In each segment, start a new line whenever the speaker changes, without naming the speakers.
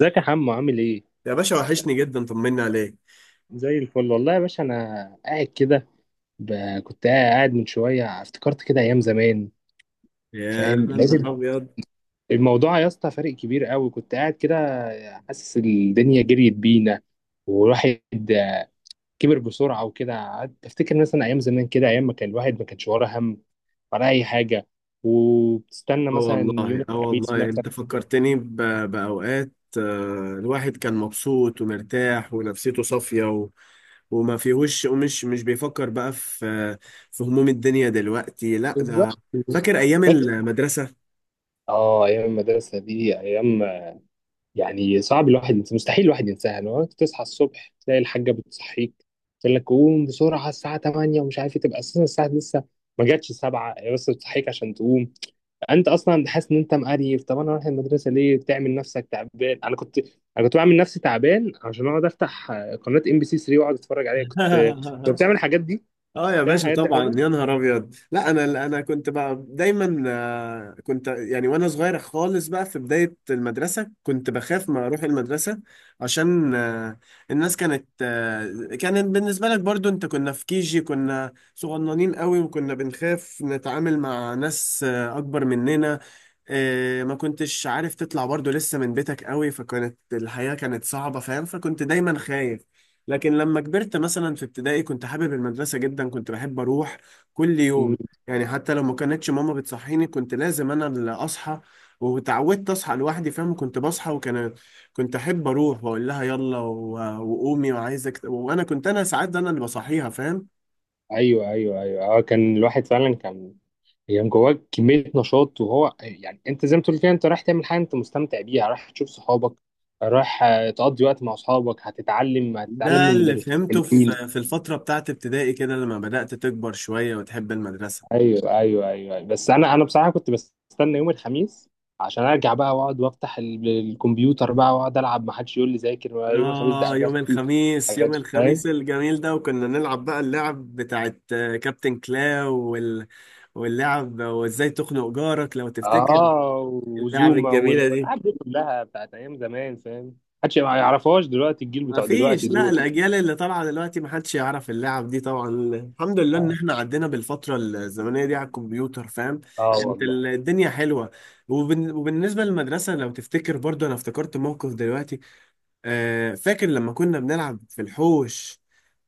ازيك يا حمو عامل ايه؟
يا باشا وحشني جدا، طمني عليك.
زي الفل والله يا باشا، انا قاعد كده ب... كنت قاعد من شويه افتكرت كده ايام زمان.
يا
فاهم،
نهار
لازم
ابيض.
الموضوع يا اسطى فارق كبير قوي. كنت قاعد كده حاسس الدنيا جريت بينا والواحد كبر بسرعه، وكده قعدت افتكر مثلا ايام زمان كده، ايام ما كان الواحد ما كانش وراه هم ولا اي حاجه، وبتستنى
اه
مثلا يوم
والله اه
الخميس
والله
مثلا.
انت فكرتني باوقات. الواحد كان مبسوط ومرتاح ونفسيته صافية وما فيهوش ومش مش بيفكر بقى في في هموم الدنيا دلوقتي لا ده.
بالظبط.
فاكر ايام
فاكر.
المدرسة؟
اه، ايام المدرسه دي ايام، يعني صعب الواحد ينسى، مستحيل الواحد ينساها. لو تصحى الصبح تلاقي الحاجه بتصحيك تقول لك قوم بسرعه الساعه 8 ومش عارف ايه، تبقى اساسا الساعه لسه ما جاتش 7، هي بس بتصحيك عشان تقوم. انت اصلا حاسس ان انت مقريف، طب انا رايح المدرسه ليه بتعمل نفسك تعبان؟ انا كنت بعمل نفسي تعبان عشان اقعد افتح قناه ام بي سي 3 واقعد اتفرج عليها. كنت بتعمل الحاجات دي،
اه يا
بتعمل
باشا
الحاجات دي،
طبعا،
حاجه.
يا نهار ابيض. لا انا كنت بقى دايما، كنت يعني وانا صغير خالص بقى في بدايه المدرسه كنت بخاف ما اروح المدرسه عشان الناس كانت، كانت بالنسبه لك برضو انت، كنا في كيجي، كنا صغننين قوي وكنا بنخاف نتعامل مع ناس اكبر مننا. إيه، ما كنتش عارف تطلع برضو لسه من بيتك قوي، فكانت الحياة كانت صعبة، فاهم؟ فكنت دايما خايف. لكن لما كبرت مثلا في ابتدائي كنت حابب المدرسة جدا، كنت بحب أروح كل يوم، يعني حتى لو ما كانتش ماما بتصحيني كنت لازم أنا اللي أصحى، وتعودت أصحى لوحدي، فاهم؟ كنت بصحى وكان كنت أحب أروح وأقول لها يلا وقومي وعايزك، وأنا كنت، أنا ساعات أنا اللي بصحيها، فاهم؟
ايوه، ايوه، ايوه، اه، كان الواحد فعلا كان يعني جواه كميه نشاط، وهو يعني انت زي ما تقول كده، انت رايح تعمل حاجه انت مستمتع بيها، رايح تشوف صحابك، رايح تقضي وقت مع اصحابك، هتتعلم
ده
من
اللي
مدرسين
فهمته في
حلوين.
في الفترة بتاعت ابتدائي كده لما بدأت تكبر شوية وتحب المدرسة.
ايوه، ايوه، ايوه، بس انا بصراحه كنت بستنى يوم الخميس عشان ارجع بقى واقعد وافتح الكمبيوتر بقى واقعد العب، ما حدش يقول لي ذاكر، ولا يوم الخميس ده
آه يوم
اجازتي
الخميس، يوم
اجازتي فاهم.
الخميس الجميل ده، وكنا نلعب بقى اللعب بتاعت، كابتن كلاو واللعب وازاي تخنق جارك لو تفتكر.
اه،
اللعب
وزوما
الجميلة دي
والالعاب دي كلها بتاعت ايام زمان، فاهم، محدش ما يعرفهاش دلوقتي، الجيل
ما
بتوع دلوقتي
فيش. لا
دول.
الأجيال اللي طالعة دلوقتي ما حدش يعرف اللعب دي طبعا، الحمد لله إن
اه.
احنا عدينا بالفترة الزمنية دي على الكمبيوتر، فاهم؟
آه،
كانت
والله.
الدنيا حلوة. وبالنسبة للمدرسة لو تفتكر برضو، أنا افتكرت موقف دلوقتي. فاكر لما كنا بنلعب في الحوش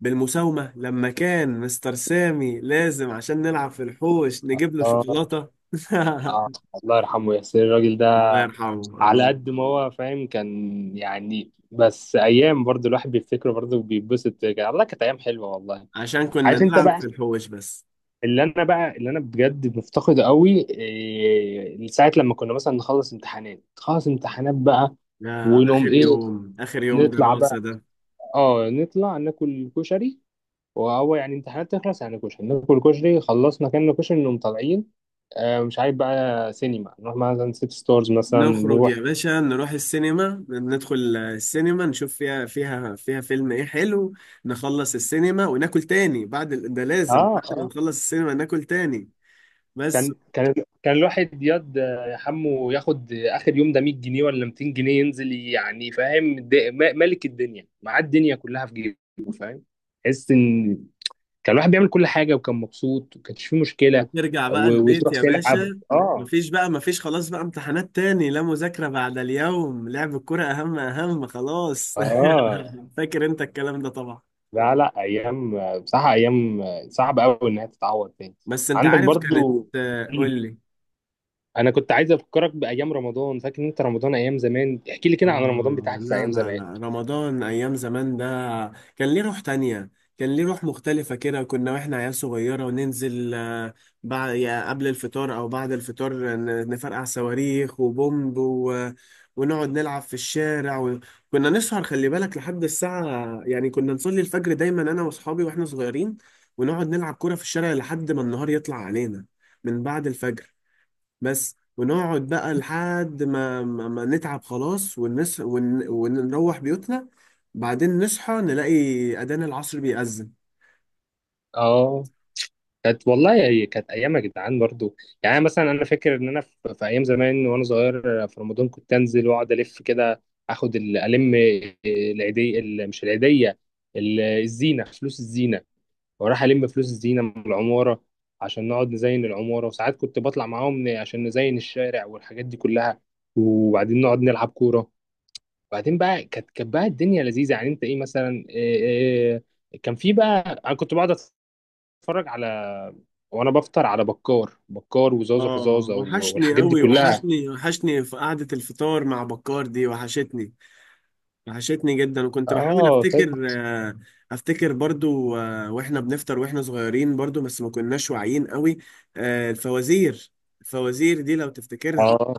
بالمساومة، لما كان مستر سامي لازم عشان نلعب في الحوش نجيب له
اه.
شوكولاتة.
اه. الله يرحمه ياسر الراجل ده،
الله يرحمه. الله
على قد
يرحمه.
ما هو فاهم كان يعني. بس ايام برضو الواحد بيفتكره، برضو بيتبسط كده. الله، كانت ايام حلوه والله.
عشان كنا
عارف انت
نلعب
بقى
في الحوش بس.
اللي انا بجد مفتقده قوي إيه؟ ساعه لما كنا مثلا نخلص امتحانات، خلص امتحانات بقى،
يا
ونقوم
آخر
ايه؟
يوم، آخر يوم
نطلع
دراسة
بقى.
ده.
اه، نطلع ناكل كشري، وهو يعني امتحانات تخلص يعني كشري، ناكل كشري، خلصنا كنا كشري، نقوم طالعين مش عارف بقى سينما، نروح مثلا سيت ستارز مثلا
نخرج يا
نروح.
باشا، نروح السينما، ندخل السينما نشوف فيها فيها فيها فيلم ايه حلو، نخلص السينما وناكل تاني، بعد ده لازم
اه.
بعد ما
اه.
نخلص السينما ناكل تاني بس.
كان كان كان الواحد ياض، يا حمو، ياخد اخر يوم ده 100 جنيه ولا 200 جنيه ينزل يعني، فاهم، ملك الدنيا، معاه الدنيا كلها في جيبه، فاهم. تحس ان كان الواحد بيعمل كل حاجه، وكان مبسوط، وكانش فيه مشكله.
بترجع بقى البيت
وتروح
يا
تلعب،
باشا،
اه.
مفيش بقى، مفيش خلاص بقى امتحانات تاني، لا مذاكرة بعد اليوم، لعب الكرة أهم، أهم خلاص.
اه.
فاكر أنت الكلام ده طبعا.
لا، لا، ايام بصراحه، ايام صعبه قوي انها تتعوض تاني.
بس أنت
عندك
عارف كانت.
برضو.
قول لي.
انا كنت عايز افكرك بايام رمضان. فاكر انت رمضان ايام زمان؟ احكي لي كده عن رمضان
آه
بتاعك في
لا
ايام
لا
زمان.
لا، رمضان أيام زمان ده كان ليه روح تانية، كان ليه روح مختلفة كده. كنا وإحنا عيال صغيرة وننزل، بعد يا قبل الفطار أو بعد الفطار نفرقع صواريخ وبومب ونقعد نلعب في الشارع، وكنا نسهر خلي بالك لحد الساعة، يعني كنا نصلي الفجر دايما أنا وأصحابي وإحنا صغيرين، ونقعد نلعب كورة في الشارع لحد ما النهار يطلع علينا من بعد الفجر بس. ونقعد بقى لحد ما ما نتعب خلاص ونروح بيوتنا، بعدين نصحى نلاقي أذان العصر بيأذن.
اه، كانت والله، هي كانت ايام يا جدعان برضو. يعني أنا مثلا انا فاكر ان انا في ايام زمان وانا صغير في رمضان كنت انزل واقعد الف كده، اخد ال- الم العيديه، مش العيديه، الزينه، فلوس الزينه، وراح ألم فلوس الزينة من العمارة عشان نقعد نزين العمارة. وساعات كنت بطلع معاهم عشان نزين الشارع والحاجات دي كلها، وبعدين نقعد نلعب كورة. وبعدين بقى كانت بقى الدنيا لذيذة. يعني أنت إيه مثلا، إيه كان في بقى، أنا كنت بقعد أتفرج على، وأنا بفطر، على بكار، بكار وزازة
اه
فزازة
وحشني
والحاجات دي
قوي،
كلها.
وحشني، وحشني في قعدة الفطار مع بكار دي، وحشتني، وحشتني جدا. وكنت بحاول
آه، فاكر.
افتكر، افتكر برضو، واحنا بنفطر واحنا صغيرين برضو، بس ما كناش واعيين قوي. الفوازير، الفوازير دي لو تفتكرها،
آه،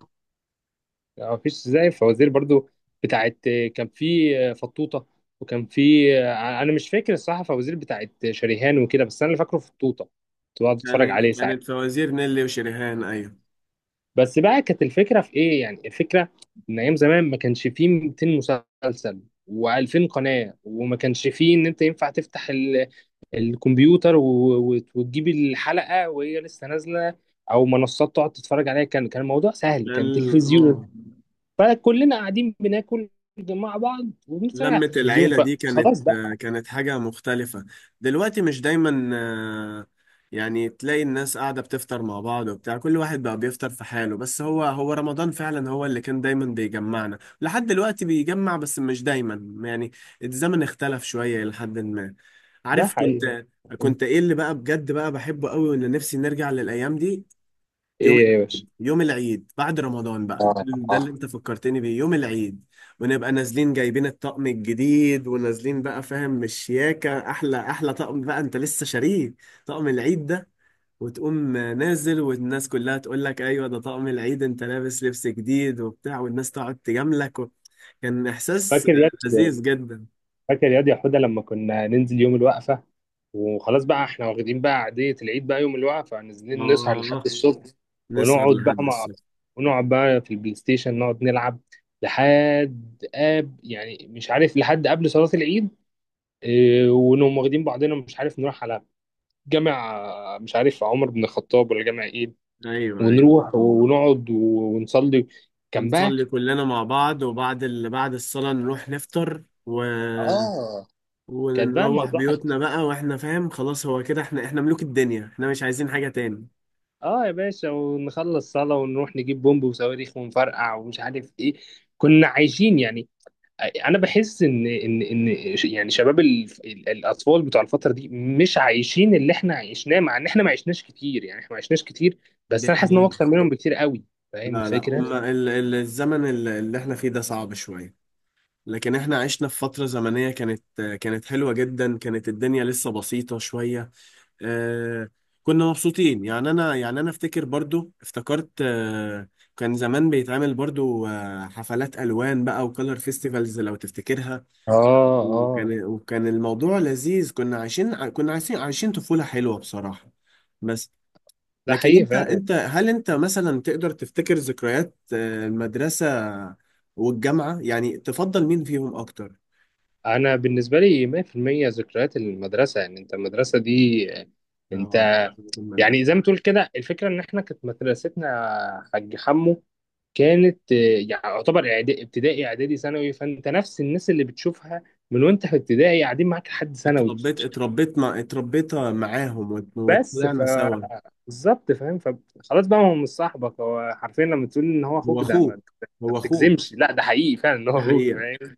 ما فيش زي الفوازير برضو، بتاعت كان في فطوطة، وكان في، انا مش فاكر الصراحة فوازير بتاعت شريهان وكده، بس انا اللي فاكره فطوطة، كنت بقعد اتفرج عليه
كانت
ساعات.
كانت فوازير نيلي وشريهان. ايوه
بس بقى كانت الفكرة في ايه؟ يعني الفكرة ان ايام زمان ما كانش فيه 200 مسلسل و2000 قناة، وما كانش فيه ان انت ينفع تفتح الكمبيوتر وتجيب الحلقة وهي لسه نازلة، او منصات تقعد تتفرج عليها. كان الموضوع سهل، كان
كان.
تلفزيون،
اه
فكلنا قاعدين بناكل مع بعض وبنتفرج على
لمة
التلفزيون،
العيلة دي كانت،
فخلاص ده.
كانت حاجة مختلفة. دلوقتي مش دايما، يعني تلاقي الناس قاعدة بتفطر مع بعض وبتاع، كل واحد بقى بيفطر في حاله، بس هو هو رمضان فعلا هو اللي كان دايما بيجمعنا، لحد دلوقتي بيجمع بس مش دايما يعني. الزمن اختلف شوية لحد ما،
ده
عارف؟
حقيقي.
كنت كنت ايه اللي بقى بجد بقى بحبه قوي، وان نفسي نرجع للأيام دي. يوم،
ايه يا باشا؟
يوم العيد بعد رمضان بقى، ده
اه.
ده
اه.
اللي انت فكرتني بيه، يوم العيد، ونبقى نازلين جايبين الطقم الجديد، ونازلين بقى، فاهم؟ مشياكة، احلى احلى طقم بقى انت لسه شاريه، طقم العيد ده، وتقوم نازل والناس كلها تقول لك ايوه ده طقم العيد، انت لابس لبس جديد وبتاع، والناس تقعد تجاملك كان احساس
فاكر ياد
لذيذ جدا.
فاكر ياد يا حوده، لما كنا ننزل يوم الوقفه وخلاص بقى احنا واخدين بقى عاديه العيد، بقى يوم الوقفه نازلين نسهر لحد
اه
الصبح،
نسهر
ونقعد بقى
لحد
مع،
الصبح.
ونقعد بقى في البلاي ستيشن نقعد نلعب لحد قاب، يعني مش عارف، لحد قبل صلاه العيد، إيه، ونقوم واخدين بعضنا، مش عارف نروح على جامع، مش عارف عمر بن الخطاب ولا جامع ايه،
ايوه ايوه.
ونروح ونقعد ونصلي. كان بقى،
ونصلي كلنا مع بعض، وبعد بعد الصلاة نروح نفطر
اه، كانت بقى
ونروح
الموضوع،
بيوتنا بقى واحنا فاهم خلاص، هو كده احنا، احنا ملوك الدنيا، احنا مش عايزين حاجة تاني.
اه يا باشا، ونخلص صلاة ونروح نجيب بومب وصواريخ ونفرقع ومش عارف ايه. كنا عايشين يعني. انا بحس ان يعني شباب الاطفال بتوع الفترة دي مش عايشين اللي احنا عشناه، مع ان احنا ما عشناش كتير، يعني احنا ما عشناش كتير، بس
دي
انا حاسس ان هو
حقيقة.
اكتر منهم بكتير قوي. فاهم
لا لا،
الفكرة؟
هما ال الزمن اللي احنا فيه ده صعب شوية، لكن احنا عشنا في فترة زمنية كانت، كانت حلوة جدا، كانت الدنيا لسه بسيطة شوية. آه كنا مبسوطين، يعني انا، يعني انا افتكر برضو، افتكرت آه كان زمان بيتعمل برضو، آه حفلات الوان بقى وكلر فيستيفالز لو تفتكرها،
اه. اه.
وكان الموضوع لذيذ، كنا عايشين كنا عايشين، عايشين طفولة حلوة بصراحة. بس.
ده
لكن
حقيقي
انت،
فعلا.
انت هل انت مثلا تقدر تفتكر ذكريات، المدرسة والجامعة، يعني تفضل مين فيهم اكتر؟
انا بالنسبه لي 100% ذكريات المدرسه. يعني انت المدرسه دي، انت
اه المدرسة،
يعني زي ما تقول كده، الفكره ان احنا كانت مدرستنا حاج حمو، كانت يعني يعتبر ابتدائي اعدادي ثانوي، فانت نفس الناس اللي بتشوفها من وانت في ابتدائي قاعدين معاك لحد ثانوي.
اتربيت معاهم
بس ف،
وطلعنا سوا.
بالظبط، فاهم، فخلاص بقى هو مش صاحبك، هو حرفيا لما تقول ان هو
هو
اخوك، ده ما
اخوك.
ما
هو اخوك.
بتجزمش، لا، ده حقيقي فعلا ان هو
دي
اخوك،
حقيقة.
فاهم.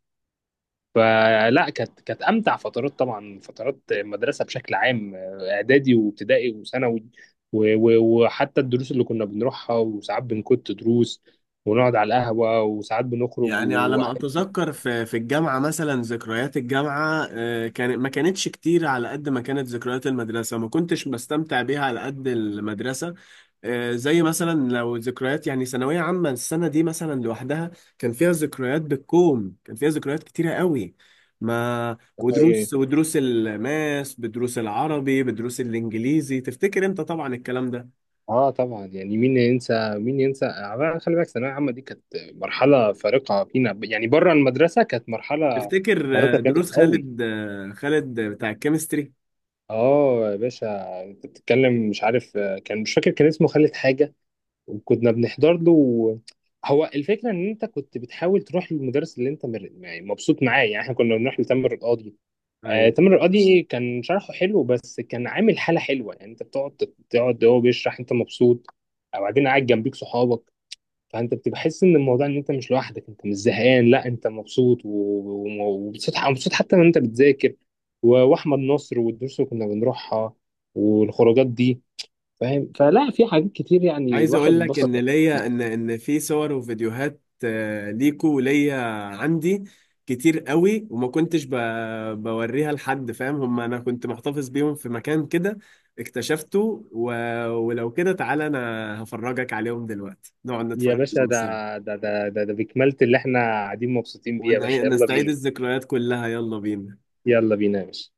فلا، كانت امتع فترات طبعا، فترات المدرسه بشكل عام، اعدادي وابتدائي وثانوي، وحتى الدروس اللي كنا بنروحها، وساعات بنكت دروس ونقعد على القهوه، وساعات بنخرج
يعني على ما اتذكر في في الجامعه مثلا، ذكريات الجامعه كانت ما كانتش كتير على قد ما كانت ذكريات المدرسه، ما كنتش بستمتع بيها على قد المدرسه. زي مثلا لو ذكريات يعني ثانويه عامه، السنه دي مثلا لوحدها كان فيها ذكريات بالكوم، كان فيها ذكريات كتيره قوي، ما ودروس، ودروس الماس بدروس العربي بدروس الانجليزي، تفتكر انت طبعا الكلام ده.
اه، طبعا، يعني مين ينسى، مين ينسى، خلي بالك الثانويه العامه دي كانت مرحله فارقه فينا يعني، بره المدرسه كانت مرحله
تفتكر
فارقه،
دروس
كانت قوي.
خالد، خالد بتاع الكيمستري؟
اه يا باشا، انت بتتكلم، مش عارف كان، مش فاكر كان اسمه خالد حاجه، وكنا بنحضر له هو الفكره ان انت كنت بتحاول تروح للمدرس اللي انت يعني مبسوط معاه، يعني احنا كنا بنروح لتامر القاضي. آه،
أيوه.
تامر القاضي كان شرحه حلو بس كان عامل حاله حلوه، يعني انت تقعد هو بيشرح انت مبسوط، او بعدين قاعد جنبيك صحابك، فانت بتبقى حاسس ان الموضوع ان انت مش لوحدك، انت مش زهقان، لا انت مبسوط، ومبسوط مبسوط حتى وانت بتذاكر، واحمد نصر والدروس اللي كنا بنروحها والخروجات دي، فاهم. فلا في حاجات كتير يعني
عايز
الواحد
اقول لك
اتبسط.
ان ليا، ان في صور وفيديوهات، ليكو وليا عندي كتير قوي، وما كنتش بوريها لحد، فاهم هم؟ انا كنت محتفظ بيهم في مكان كده اكتشفته ولو كده تعالى انا هفرجك عليهم دلوقتي، نقعد
يا
نتفرج
باشا،
عليهم سوا
ده بكمالة اللي احنا قاعدين مبسوطين بيه يا باشا، يلا
ونستعيد
بينا.
الذكريات كلها، يلا بينا.
يلا بينا يا باشا.